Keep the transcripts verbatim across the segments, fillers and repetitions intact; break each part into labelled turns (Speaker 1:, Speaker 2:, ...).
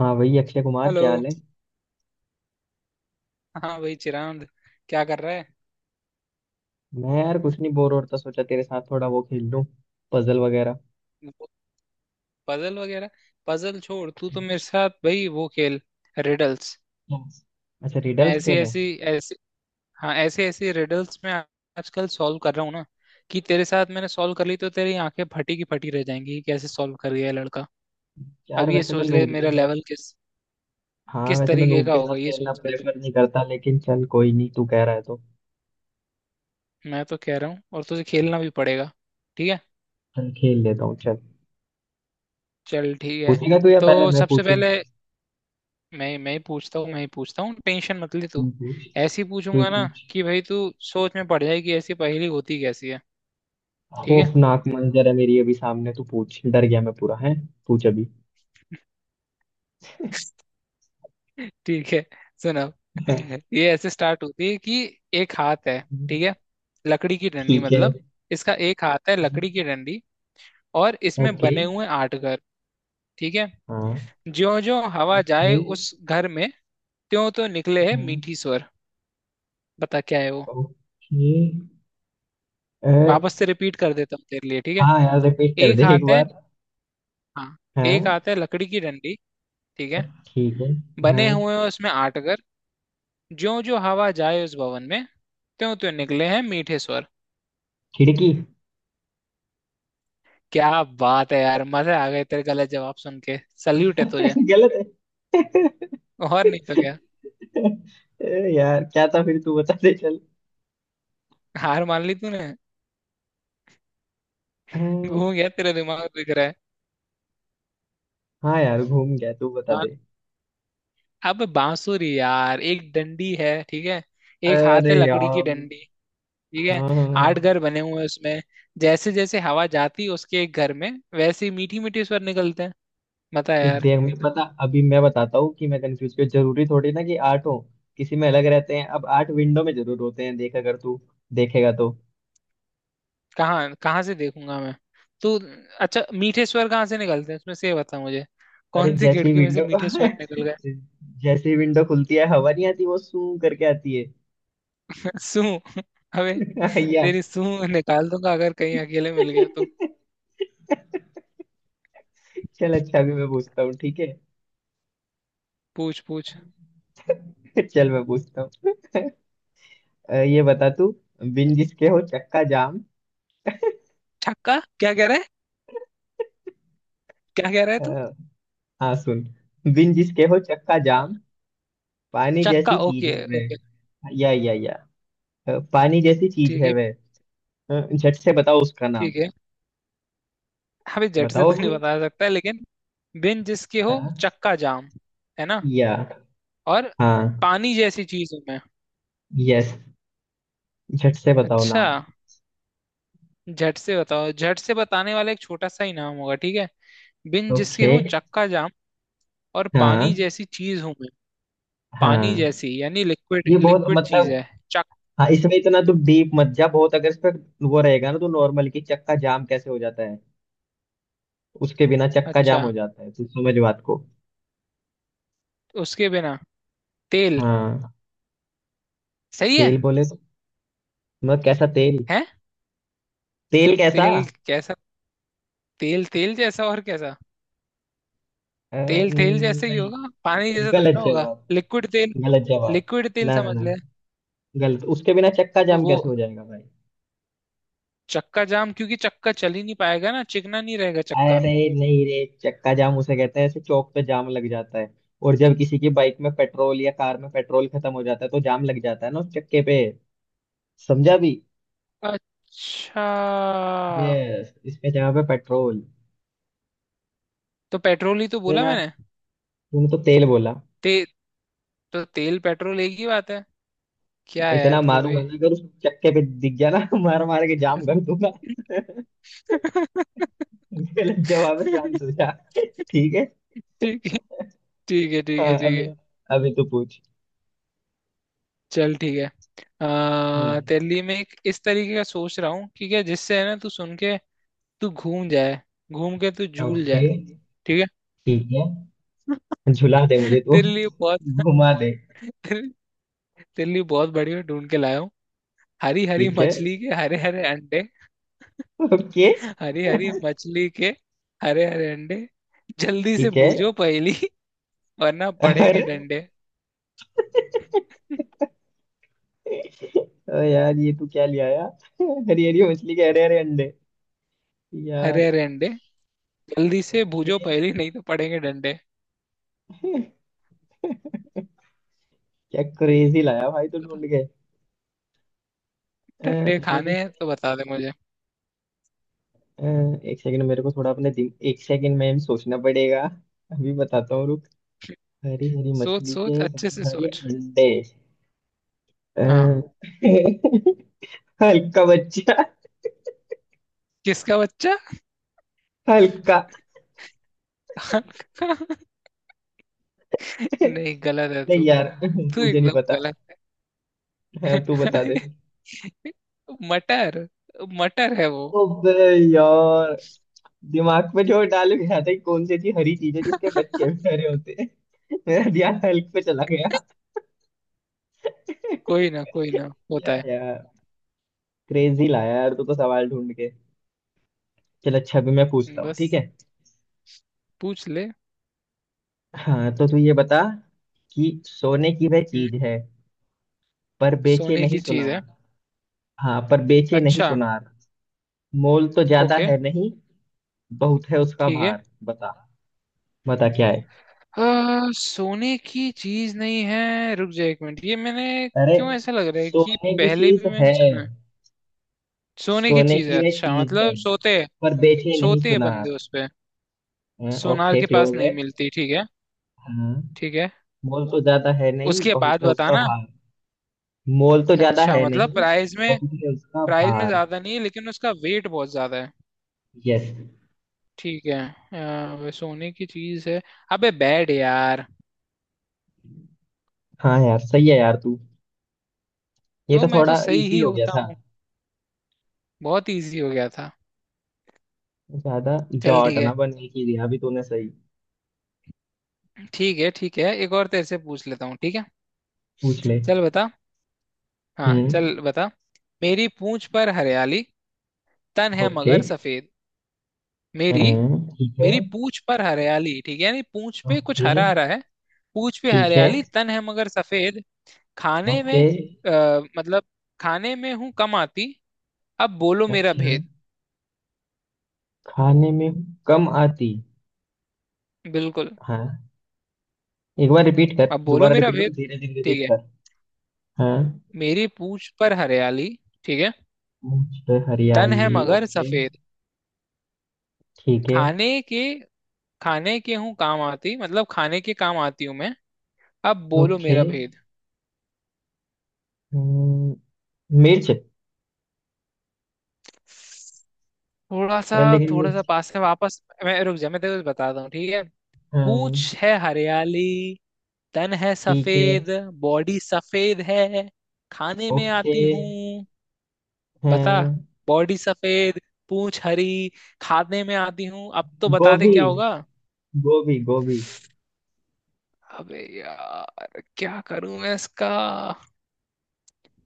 Speaker 1: हाँ, वही अक्षय कुमार.
Speaker 2: हेलो।
Speaker 1: क्या हाल है.
Speaker 2: हाँ भाई चिरांद, क्या कर रहा है?
Speaker 1: मैं यार कुछ नहीं, बोर हो रहा था, सोचा तेरे साथ थोड़ा वो खेल लूं. पजल वगैरह.
Speaker 2: पजल वगैरह? पजल छोड़, तू तो मेरे साथ भाई वो खेल, रिडल्स।
Speaker 1: Yes. अच्छा,
Speaker 2: मैं
Speaker 1: रिडल्स
Speaker 2: ऐसी
Speaker 1: खेले.
Speaker 2: ऐसी ऐसी हाँ, ऐसे ऐसे रिडल्स में आजकल सॉल्व कर रहा हूँ ना कि तेरे साथ मैंने सॉल्व कर ली तो तेरी आंखें फटी की फटी रह जाएंगी कि कैसे सॉल्व कर गया ये लड़का। अब
Speaker 1: यार
Speaker 2: ये
Speaker 1: वैसे मैं
Speaker 2: सोच ले
Speaker 1: नूब के
Speaker 2: मेरा
Speaker 1: साथ.
Speaker 2: लेवल किस
Speaker 1: हाँ,
Speaker 2: किस
Speaker 1: वैसे मैं
Speaker 2: तरीके
Speaker 1: नूब
Speaker 2: का
Speaker 1: के साथ
Speaker 2: होगा, ये
Speaker 1: खेलना
Speaker 2: सोच ले। तो
Speaker 1: प्रेफर नहीं करता, लेकिन चल, कोई नहीं, तू कह रहा है तो.
Speaker 2: मैं तो कह रहा हूँ और तुझे खेलना भी पड़ेगा। ठीक है।
Speaker 1: चल, खेल लेता हूँ, चल.
Speaker 2: चल ठीक है।
Speaker 1: पूछेगा तू या
Speaker 2: तो
Speaker 1: पहले मैं
Speaker 2: सबसे
Speaker 1: पूछूं?
Speaker 2: पहले मैं मैं ही पूछता हूँ, मैं ही पूछता हूँ, टेंशन मत ले तू।
Speaker 1: तू पूछ.
Speaker 2: ऐसी
Speaker 1: तू ही
Speaker 2: पूछूंगा ना
Speaker 1: पूछ.
Speaker 2: कि भाई तू सोच में पड़ जाए कि ऐसी पहेली होती कैसी है। ठीक है।
Speaker 1: खौफनाक मंजर है मेरी अभी सामने, तू पूछ, डर गया मैं पूरा है. पूछ अभी.
Speaker 2: ठीक है। सुनो,
Speaker 1: हाँ.
Speaker 2: ये ऐसे स्टार्ट होती है कि एक हाथ है, ठीक है, लकड़ी की डंडी
Speaker 1: ठीक है.
Speaker 2: मतलब, इसका एक हाथ है लकड़ी की डंडी, और इसमें
Speaker 1: ओके.
Speaker 2: बने हुए आठ घर, ठीक है।
Speaker 1: हाँ.
Speaker 2: ज्यो ज्यो हवा जाए
Speaker 1: ओके.
Speaker 2: उस घर में, त्यों तो निकले है मीठी स्वर। बता क्या है वो।
Speaker 1: ओके. अ,
Speaker 2: वापस से रिपीट कर देता हूँ तेरे लिए, ठीक है।
Speaker 1: हाँ, यार रिपीट कर
Speaker 2: एक
Speaker 1: दे एक
Speaker 2: हाथ है,
Speaker 1: बार.
Speaker 2: हाँ,
Speaker 1: हाँ.
Speaker 2: एक हाथ है लकड़ी की डंडी, ठीक है,
Speaker 1: ठीक है. हाँ.
Speaker 2: बने हुए हैं उसमें आठ घर। ज्यों ज्यों हवा जाए उस भवन में, त्यों त्यों निकले हैं मीठे स्वर।
Speaker 1: खिड़की.
Speaker 2: क्या बात है यार, मजे आ गए तेरे गलत जवाब सुन के। सल्यूट है तुझे।
Speaker 1: गलत है.
Speaker 2: और नहीं तो क्या।
Speaker 1: ए, यार क्या था, फिर तू बता दे, चल.
Speaker 2: हार मान ली तूने।
Speaker 1: अ,
Speaker 2: घूम गया तेरा दिमाग दिख रहा है।
Speaker 1: हाँ यार, घूम गया, तू बता दे.
Speaker 2: बा- अब बांसुरी यार, एक डंडी है, ठीक है, एक हाथ
Speaker 1: अरे
Speaker 2: है लकड़ी की
Speaker 1: यार.
Speaker 2: डंडी, ठीक है,
Speaker 1: हाँ, हाँ,
Speaker 2: आठ
Speaker 1: हाँ.
Speaker 2: घर बने हुए हैं उसमें। जैसे जैसे हवा जाती है उसके एक घर में, वैसे ही मीठी मीठी स्वर निकलते हैं। बता
Speaker 1: ठीक,
Speaker 2: यार।
Speaker 1: देख मैं, पता, अभी मैं बताता हूँ कि मैं कंफ्यूज क्यों. जरूरी थोड़ी ना कि आठ हो. किसी में अलग रहते हैं, अब आठ विंडो में जरूर होते हैं, देख अगर तू देखेगा तो.
Speaker 2: कहाँ कहाँ से देखूंगा मैं तो? अच्छा मीठे स्वर कहाँ से निकलते हैं उसमें से, ये बता मुझे।
Speaker 1: अरे,
Speaker 2: कौन सी
Speaker 1: जैसे ही
Speaker 2: खिड़की में से
Speaker 1: विंडो
Speaker 2: मीठे स्वर निकल गए?
Speaker 1: जैसे ही विंडो खुलती है, हवा नहीं आती, वो सू करके आती है.
Speaker 2: सू। अबे
Speaker 1: यस.
Speaker 2: तेरी सू निकाल दूंगा अगर कहीं अकेले मिल गया तो।
Speaker 1: चल अच्छा, भी मैं पूछता हूँ, ठीक है.
Speaker 2: पूछ पूछ।
Speaker 1: चल, मैं पूछता हूँ. अ, ये बता तू. बिन जिसके हो चक्का जाम.
Speaker 2: छक्का क्या कह रहा है? क्या कह रहा है
Speaker 1: अ,
Speaker 2: तू?
Speaker 1: हाँ, सुन. बिन जिसके हो चक्का
Speaker 2: हाँ,
Speaker 1: जाम. पानी
Speaker 2: चक्का,
Speaker 1: जैसी
Speaker 2: ओके
Speaker 1: चीज है
Speaker 2: ओके,
Speaker 1: वह, या या या अ, पानी जैसी चीज
Speaker 2: ठीक
Speaker 1: है
Speaker 2: है,
Speaker 1: वह. अ, झट से बताओ उसका नाम.
Speaker 2: ठीक है, अभी झट से
Speaker 1: बताओ
Speaker 2: तो नहीं
Speaker 1: भी.
Speaker 2: बता सकता लेकिन, बिन जिसके हो
Speaker 1: हाँ.
Speaker 2: चक्का जाम, है ना,
Speaker 1: या.
Speaker 2: और
Speaker 1: हाँ.
Speaker 2: पानी जैसी चीज हूं मैं।
Speaker 1: यस. झट से बताओ
Speaker 2: अच्छा,
Speaker 1: नाम.
Speaker 2: झट से बताओ, झट से बताने वाला एक छोटा सा ही नाम होगा, ठीक है। बिन जिसके
Speaker 1: ओके.
Speaker 2: हो चक्का जाम, और पानी
Speaker 1: हाँ.
Speaker 2: जैसी चीज हूं मैं। पानी
Speaker 1: हाँ.
Speaker 2: जैसी यानी लिक्विड,
Speaker 1: ये बहुत
Speaker 2: लिक्विड
Speaker 1: मतलब.
Speaker 2: चीज है। चक
Speaker 1: हाँ, इसमें इतना तो डीप मत जा. बहुत अगर इस पे वो रहेगा ना तो नॉर्मल की चक्का जाम कैसे हो जाता है. उसके बिना चक्का
Speaker 2: अच्छा,
Speaker 1: जाम हो जाता है, तू समझ बात को.
Speaker 2: उसके बिना, तेल।
Speaker 1: हाँ.
Speaker 2: सही है।
Speaker 1: तेल बोले तो. मतलब कैसा तेल.
Speaker 2: है,
Speaker 1: तेल कैसा.
Speaker 2: तेल कैसा? तेल तेल जैसा और कैसा?
Speaker 1: अ,
Speaker 2: तेल तेल
Speaker 1: न-
Speaker 2: जैसे ही
Speaker 1: नहीं
Speaker 2: होगा, पानी जैसा थोड़ी
Speaker 1: गलत
Speaker 2: ना होगा,
Speaker 1: जवाब.
Speaker 2: लिक्विड तेल।
Speaker 1: गलत जवाब.
Speaker 2: लिक्विड तेल
Speaker 1: ना, ना,
Speaker 2: समझ
Speaker 1: ना.
Speaker 2: ले।
Speaker 1: गलत. उसके बिना चक्का जाम
Speaker 2: वो
Speaker 1: कैसे हो जाएगा भाई?
Speaker 2: चक्का जाम, क्योंकि चक्का चल ही नहीं पाएगा ना, चिकना नहीं रहेगा चक्का।
Speaker 1: अरे. नहीं रे, चक्का जाम उसे कहते हैं, ऐसे चौक पे जाम लग जाता है. और जब किसी की बाइक में पेट्रोल या कार में पेट्रोल खत्म हो जाता है, तो जाम लग जाता है ना उस चक्के पे. समझा भी.
Speaker 2: अच्छा,
Speaker 1: यस, इसमें जगह पे पेट्रोल.
Speaker 2: तो पेट्रोल ही तो
Speaker 1: तो
Speaker 2: बोला
Speaker 1: यार,
Speaker 2: मैंने।
Speaker 1: तूने तो तेल बोला.
Speaker 2: ते, तो तेल पेट्रोल एक ही बात है। क्या यार
Speaker 1: इतना
Speaker 2: तू भी।
Speaker 1: मारूंगा ना, अगर उस चक्के पे दिख गया ना मार मार के जाम कर दूंगा. गलत जवाब है, शांत हो जा. ठीक है.
Speaker 2: ठीक है ठीक है ठीक है
Speaker 1: हाँ,
Speaker 2: ठीक
Speaker 1: अभी
Speaker 2: है।
Speaker 1: अभी तू पूछ.
Speaker 2: चल ठीक है। आ,
Speaker 1: हम्म.
Speaker 2: तेरे लिए मैं एक इस तरीके का सोच रहा हूँ कि क्या, जिससे है ना तू सुन के तू घूम जाए, घूम के तू झूल
Speaker 1: ओके.
Speaker 2: जाए, ठीक है।
Speaker 1: ठीक है. झुला दे मुझे तू,
Speaker 2: तेरे लिए बहुत
Speaker 1: घुमा दे.
Speaker 2: तेरे, तेरे लिए बहुत बढ़िया ढूंढ के लाया हूँ। हरी हरी
Speaker 1: ठीक है.
Speaker 2: मछली के हरे हरे अंडे।
Speaker 1: ओके.
Speaker 2: हरी हरी मछली के हरे हरे अंडे, जल्दी से
Speaker 1: ठीक है.
Speaker 2: बूझो पहेली, वरना पड़ेंगे
Speaker 1: अरे
Speaker 2: डंडे।
Speaker 1: ओ यार, ये तू क्या ले आया? हरी हरी मछली के हरे हरे अंडे.
Speaker 2: अरे
Speaker 1: यार.
Speaker 2: अरे अंडे, जल्दी से भूजो
Speaker 1: ओके.
Speaker 2: पहली, नहीं तो पड़ेंगे डंडे।
Speaker 1: क्या क्रेजी लाया भाई तो
Speaker 2: बता।
Speaker 1: ढूंढ के. अ,
Speaker 2: डंडे
Speaker 1: अरे.
Speaker 2: खाने हैं तो बता दे मुझे।
Speaker 1: अ, एक सेकंड मेरे को थोड़ा अपने दिन, एक सेकंड में सोचना पड़ेगा. अभी बताता हूँ, रुक. हरी हरी
Speaker 2: सोच
Speaker 1: मछली के
Speaker 2: सोच अच्छे से
Speaker 1: हरे हरे
Speaker 2: सोच।
Speaker 1: अंडे. अ,
Speaker 2: हाँ।
Speaker 1: हल्का बच्चा.
Speaker 2: किसका बच्चा?
Speaker 1: हल्का.
Speaker 2: नहीं गलत है
Speaker 1: नहीं
Speaker 2: तू।
Speaker 1: यार,
Speaker 2: तू
Speaker 1: मुझे नहीं
Speaker 2: एकदम
Speaker 1: पता.
Speaker 2: गलत है।
Speaker 1: हाँ, तू बता दे.
Speaker 2: मटर। मटर है वो।
Speaker 1: ओबे. यार. दिमाग पे जो डाल गया था कि कौन सी ऐसी हरी चीज है जिसके बच्चे भी हरे होते हैं. मेरा ध्यान हल्क पे चला गया.
Speaker 2: कोई ना, कोई ना होता
Speaker 1: या
Speaker 2: है।
Speaker 1: यार. क्रेजी लाया यार तू तो सवाल ढूंढ के. चल अच्छा, अभी मैं पूछता हूँ, ठीक
Speaker 2: बस,
Speaker 1: है.
Speaker 2: पूछ ले।
Speaker 1: हाँ तो तू ये बता कि सोने की वह
Speaker 2: हम्म,
Speaker 1: चीज है, पर बेचे
Speaker 2: सोने
Speaker 1: नहीं
Speaker 2: की चीज है?
Speaker 1: सुनार. हाँ, पर बेचे नहीं
Speaker 2: अच्छा,
Speaker 1: सुनार. मोल तो ज्यादा
Speaker 2: ओके,
Speaker 1: है नहीं, बहुत है उसका
Speaker 2: ठीक है,
Speaker 1: भार. बता. बता क्या है.
Speaker 2: आ, सोने की चीज नहीं है, रुक जा एक मिनट, ये मैंने
Speaker 1: अरे.
Speaker 2: क्यों ऐसा लग रहा है कि
Speaker 1: सोने की
Speaker 2: पहले
Speaker 1: चीज
Speaker 2: भी मैंने
Speaker 1: है.
Speaker 2: सुना है। सोने की
Speaker 1: सोने
Speaker 2: चीज है,
Speaker 1: की वह
Speaker 2: अच्छा
Speaker 1: चीज है,
Speaker 2: मतलब सोते हैं।
Speaker 1: पर बेचे नहीं
Speaker 2: सोते हैं
Speaker 1: सुनार.
Speaker 2: बंदे उस पे।
Speaker 1: हाँ,
Speaker 2: सोनार
Speaker 1: ओके,
Speaker 2: के पास
Speaker 1: क्लोज है.
Speaker 2: नहीं मिलती, ठीक है।
Speaker 1: हाँ.
Speaker 2: ठीक है।
Speaker 1: मोल तो ज्यादा है नहीं,
Speaker 2: उसके
Speaker 1: बहुत
Speaker 2: बाद
Speaker 1: है उसका
Speaker 2: बताना।
Speaker 1: भार. मोल तो ज्यादा
Speaker 2: अच्छा
Speaker 1: है
Speaker 2: मतलब
Speaker 1: नहीं,
Speaker 2: प्राइस में
Speaker 1: बहुत है उसका
Speaker 2: प्राइस में
Speaker 1: भार.
Speaker 2: ज्यादा नहीं है लेकिन उसका वेट बहुत ज्यादा है।
Speaker 1: यस.
Speaker 2: ठीक है। आ, वे सोने की चीज है। अबे बैड यार।
Speaker 1: हाँ यार, सही है यार तू. ये
Speaker 2: तो
Speaker 1: तो
Speaker 2: मैं तो
Speaker 1: थोड़ा
Speaker 2: सही
Speaker 1: इजी
Speaker 2: ही
Speaker 1: हो गया
Speaker 2: होता
Speaker 1: था.
Speaker 2: हूँ। बहुत इजी हो गया था।
Speaker 1: ज्यादा.
Speaker 2: चल
Speaker 1: जॉट
Speaker 2: ठीक
Speaker 1: ना
Speaker 2: है।
Speaker 1: बनने की दिया अभी तूने सही.
Speaker 2: ठीक है ठीक है, एक और तेरे से पूछ लेता हूँ, ठीक है।
Speaker 1: पूछ ले.
Speaker 2: चल बता। हाँ
Speaker 1: हम्म.
Speaker 2: चल बता। मेरी पूंछ पर हरियाली, तन है
Speaker 1: ओके.
Speaker 2: मगर सफेद। मेरी
Speaker 1: हम्म, ठीक है.
Speaker 2: मेरी पूंछ पर हरियाली, ठीक है, यानी पूंछ पे कुछ
Speaker 1: ओके.
Speaker 2: हरा हरा है। पूंछ पे
Speaker 1: ठीक है.
Speaker 2: हरियाली, तन है मगर सफेद, खाने में,
Speaker 1: ओके.
Speaker 2: आ, मतलब खाने में हूं कम आती, अब बोलो मेरा
Speaker 1: अच्छा.
Speaker 2: भेद।
Speaker 1: खाने में कम आती.
Speaker 2: बिल्कुल।
Speaker 1: हाँ. एक बार रिपीट कर,
Speaker 2: अब बोलो
Speaker 1: दोबारा
Speaker 2: मेरा
Speaker 1: रिपीट कर,
Speaker 2: भेद,
Speaker 1: धीरे धीरे
Speaker 2: ठीक
Speaker 1: रिपीट
Speaker 2: है।
Speaker 1: कर. हाँ.
Speaker 2: मेरी पूंछ पर हरियाली, ठीक है,
Speaker 1: मुझ पे
Speaker 2: तन है
Speaker 1: हरियाली,
Speaker 2: मगर
Speaker 1: ओके.
Speaker 2: सफेद,
Speaker 1: ठीक है.
Speaker 2: खाने के खाने के हूँ काम आती, मतलब खाने के काम आती हूँ मैं, अब बोलो
Speaker 1: ओके.
Speaker 2: मेरा भेद।
Speaker 1: हम्म, मिर्च.
Speaker 2: थोड़ा सा।
Speaker 1: अ, लेकिन
Speaker 2: थोड़ा सा
Speaker 1: मिर्च.
Speaker 2: पास है, वापस मैं रुक जा, मैं तेरे को बताता हूँ, ठीक है।
Speaker 1: हाँ.
Speaker 2: पूंछ है हरियाली, तन है
Speaker 1: ठीक है.
Speaker 2: सफेद। बॉडी सफेद है, खाने में
Speaker 1: ओके.
Speaker 2: आती हूँ। बता।
Speaker 1: हाँ.
Speaker 2: बॉडी सफेद, पूंछ हरी, खाने में आती हूँ, अब तो बता दे
Speaker 1: गोभी.
Speaker 2: क्या होगा।
Speaker 1: गोभी, गोभी.
Speaker 2: अबे यार क्या करूं मैं इसका।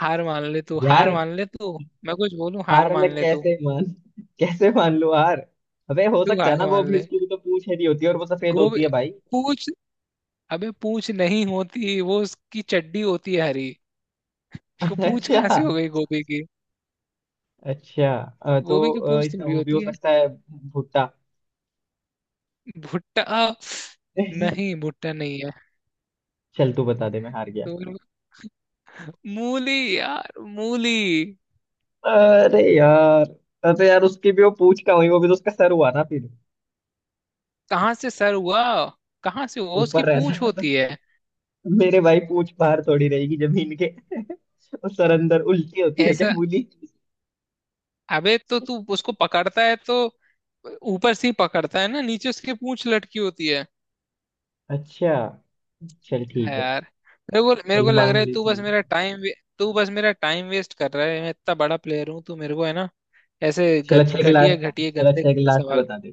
Speaker 2: हार मान ले तू,
Speaker 1: यार.
Speaker 2: हार मान ले तू, मैं कुछ बोलूं, हार
Speaker 1: हार मैं
Speaker 2: मान ले तू।
Speaker 1: कैसे मान. कैसे मान लूं हार. अबे, हो
Speaker 2: तू
Speaker 1: सकता है
Speaker 2: हार
Speaker 1: ना
Speaker 2: मान
Speaker 1: गोभी,
Speaker 2: ले।
Speaker 1: उसकी भी तो पूंछ हरी होती है और वो सफेद
Speaker 2: गोभी?
Speaker 1: होती है भाई.
Speaker 2: पूछ, अबे पूंछ नहीं होती, वो उसकी चड्डी होती है हरी। उसको पूंछ कहाँ
Speaker 1: अच्छा.
Speaker 2: से हो गई गोभी की?
Speaker 1: अच्छा. अ,
Speaker 2: गोभी
Speaker 1: तो
Speaker 2: की
Speaker 1: अ,
Speaker 2: पूंछ
Speaker 1: इसका
Speaker 2: थोड़ी
Speaker 1: वो भी हो
Speaker 2: होती है।
Speaker 1: सकता है. भुट्टा.
Speaker 2: भुट्टा? नहीं भुट्टा नहीं है।
Speaker 1: चल, तू बता दे, मैं हार गया.
Speaker 2: तो मूली यार, मूली।
Speaker 1: अरे यार. अरे यार, उसकी भी वो पूंछ का हुई, वो भी तो उसका सर हुआ ना फिर.
Speaker 2: कहाँ से सर हुआ? कहाँ से हुआ, उसकी
Speaker 1: ऊपर
Speaker 2: पूंछ
Speaker 1: रहता.
Speaker 2: होती है।
Speaker 1: मेरे भाई, पूंछ बाहर थोड़ी रहेगी जमीन के. और सर अंदर उल्टी होती है क्या
Speaker 2: ऐसा,
Speaker 1: मूली?
Speaker 2: अबे तो तू उसको पकड़ता है तो ऊपर से ही पकड़ता है ना, नीचे उसकी पूंछ लटकी होती है।
Speaker 1: अच्छा. चल
Speaker 2: है
Speaker 1: ठीक है.
Speaker 2: यार। मेरे को मेरे
Speaker 1: चल,
Speaker 2: को लग
Speaker 1: मान
Speaker 2: रहा है, तू
Speaker 1: लेता
Speaker 2: बस
Speaker 1: हूँ.
Speaker 2: मेरा टाइम तू बस मेरा टाइम वेस्ट कर रहा है। मैं इतना बड़ा प्लेयर हूँ, तू मेरे को है ना ऐसे
Speaker 1: चल अच्छा
Speaker 2: गद-
Speaker 1: एक
Speaker 2: घटिया
Speaker 1: लास्ट
Speaker 2: घटिया
Speaker 1: चल
Speaker 2: गंदे
Speaker 1: अच्छा एक
Speaker 2: गंदे
Speaker 1: लास्ट
Speaker 2: सवाल।
Speaker 1: बता दे.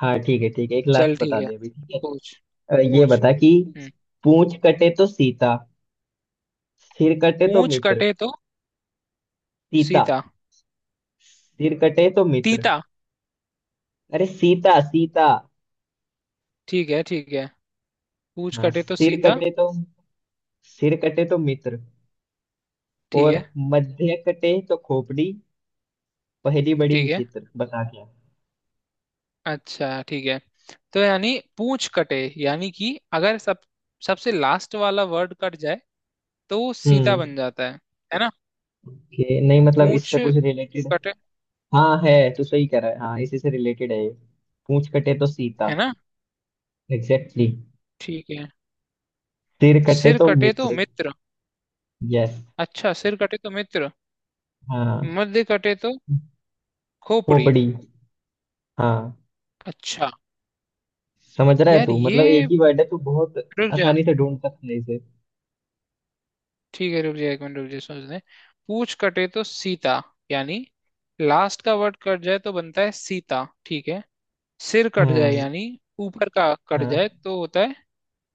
Speaker 1: हाँ ठीक है, ठीक है, एक लास्ट
Speaker 2: चल ठीक
Speaker 1: बता
Speaker 2: है।
Speaker 1: दे अभी, ठीक है.
Speaker 2: पूछ
Speaker 1: अ, ये
Speaker 2: पूछ।
Speaker 1: बता कि
Speaker 2: हम्म
Speaker 1: पूंछ कटे तो सीता, सिर कटे तो
Speaker 2: पूछ
Speaker 1: मित्र.
Speaker 2: कटे तो
Speaker 1: सीता.
Speaker 2: सीता?
Speaker 1: सिर कटे तो मित्र.
Speaker 2: तीता?
Speaker 1: अरे, सीता, सीता.
Speaker 2: ठीक है ठीक है। पूछ
Speaker 1: हाँ,
Speaker 2: कटे तो
Speaker 1: सिर
Speaker 2: सीता,
Speaker 1: कटे तो सिर कटे तो मित्र.
Speaker 2: ठीक
Speaker 1: और
Speaker 2: है
Speaker 1: मध्य कटे तो खोपड़ी. पहली बड़ी
Speaker 2: ठीक है।
Speaker 1: विचित्र, बता क्या.
Speaker 2: अच्छा ठीक है। तो यानी पूछ कटे, यानी कि अगर सब सबसे लास्ट वाला वर्ड कट जाए तो वो सीता
Speaker 1: हम्म.
Speaker 2: बन जाता है है ना।
Speaker 1: कि नहीं, मतलब
Speaker 2: पूछ
Speaker 1: इससे कुछ रिलेटेड.
Speaker 2: कटे,
Speaker 1: हाँ है, तो सही कह रहा है. हाँ, इसी से रिलेटेड है ये. पूंछ कटे तो
Speaker 2: है
Speaker 1: सीता.
Speaker 2: ना,
Speaker 1: एग्जैक्टली, exactly.
Speaker 2: ठीक है।
Speaker 1: तीर कटे
Speaker 2: सिर
Speaker 1: तो
Speaker 2: कटे तो
Speaker 1: मित्र.
Speaker 2: मित्र।
Speaker 1: यस.
Speaker 2: अच्छा सिर कटे तो मित्र।
Speaker 1: हाँ.
Speaker 2: मध्य कटे तो खोपड़ी।
Speaker 1: पोपड़ी. हाँ.
Speaker 2: अच्छा।
Speaker 1: समझ रहा है
Speaker 2: यार
Speaker 1: तू, मतलब
Speaker 2: ये
Speaker 1: एक ही वर्ड है, तू बहुत
Speaker 2: रुक जा,
Speaker 1: आसानी से ढूंढ सकता है इसे.
Speaker 2: ठीक है, रुक जा एक मिनट, रुक जा सोचने। पूछ कटे तो सीता, यानी लास्ट का वर्ड कट जाए तो बनता है सीता, ठीक है। सिर कट जाए
Speaker 1: हाँ.
Speaker 2: यानी ऊपर का कट
Speaker 1: हाँ,
Speaker 2: जाए तो होता है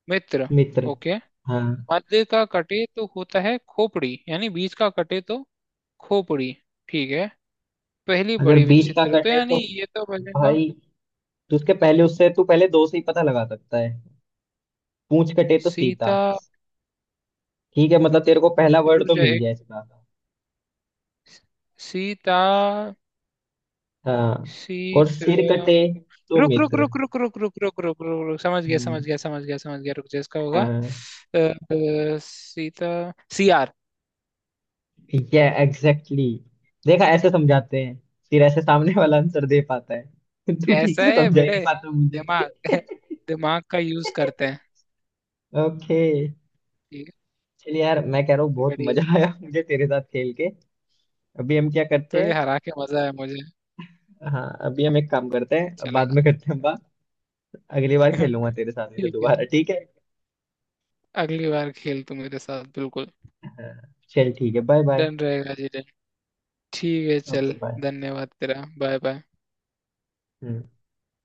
Speaker 2: मित्र।
Speaker 1: मित्र.
Speaker 2: ओके।
Speaker 1: हाँ.
Speaker 2: मध्य का कटे तो होता है खोपड़ी, यानी बीच का कटे तो खोपड़ी, ठीक है। पहली
Speaker 1: अगर
Speaker 2: बड़ी
Speaker 1: बीच का
Speaker 2: विचित्र, तो
Speaker 1: कटे
Speaker 2: यानी
Speaker 1: तो
Speaker 2: ये तो बनेगा
Speaker 1: भाई, तो उसके पहले उससे तू पहले दो से ही पता लगा सकता है. पूंछ कटे तो सीता.
Speaker 2: सीता,
Speaker 1: ठीक है, मतलब तेरे को पहला वर्ड
Speaker 2: रुक
Speaker 1: तो
Speaker 2: जाए
Speaker 1: मिल
Speaker 2: एक,
Speaker 1: गया इसका.
Speaker 2: सीता,
Speaker 1: हाँ. और
Speaker 2: सीत्र।
Speaker 1: सिर कटे तो
Speaker 2: रुक रुक
Speaker 1: मित्र.
Speaker 2: रुक रुक रुक रुक रुक रुक रुक रुक, समझ गया समझ
Speaker 1: हम्म,
Speaker 2: गया समझ गया समझ गया, रुक जा इसका होगा,
Speaker 1: हाँ.
Speaker 2: अ, अ, सीता, सी आर।
Speaker 1: ठीक है, एग्जैक्टली, exactly. देखा, ऐसे समझाते हैं, फिर ऐसे सामने वाला आंसर दे पाता है. तू ठीक
Speaker 2: ऐसा
Speaker 1: से
Speaker 2: है
Speaker 1: समझा ही
Speaker 2: बेटे।
Speaker 1: नहीं पाता मुझे.
Speaker 2: दिमाग दिमाग का यूज करते हैं।
Speaker 1: ओके.
Speaker 2: ठीक
Speaker 1: चलिए यार, मैं कह रहा हूँ
Speaker 2: है,
Speaker 1: बहुत
Speaker 2: बढ़िया।
Speaker 1: मजा आया मुझे तेरे साथ खेल के. अभी हम क्या
Speaker 2: तो
Speaker 1: करते
Speaker 2: ये
Speaker 1: हैं.
Speaker 2: हरा के मजा है मुझे।
Speaker 1: हाँ, अभी हम एक काम करते हैं, अब
Speaker 2: अच्छा
Speaker 1: बाद
Speaker 2: लगा।
Speaker 1: में करते हैं बात. अगली बार खेलूंगा तेरे
Speaker 2: ठीक
Speaker 1: साथ ऐसे
Speaker 2: है।
Speaker 1: दोबारा, ठीक है.
Speaker 2: अगली बार खेल तू मेरे साथ बिल्कुल।
Speaker 1: हाँ, चल ठीक है, बाय बाय.
Speaker 2: डन रहेगा जी डन। ठीक है
Speaker 1: ओके,
Speaker 2: चल।
Speaker 1: बाय.
Speaker 2: धन्यवाद तेरा, बाय बाय।
Speaker 1: हम्म.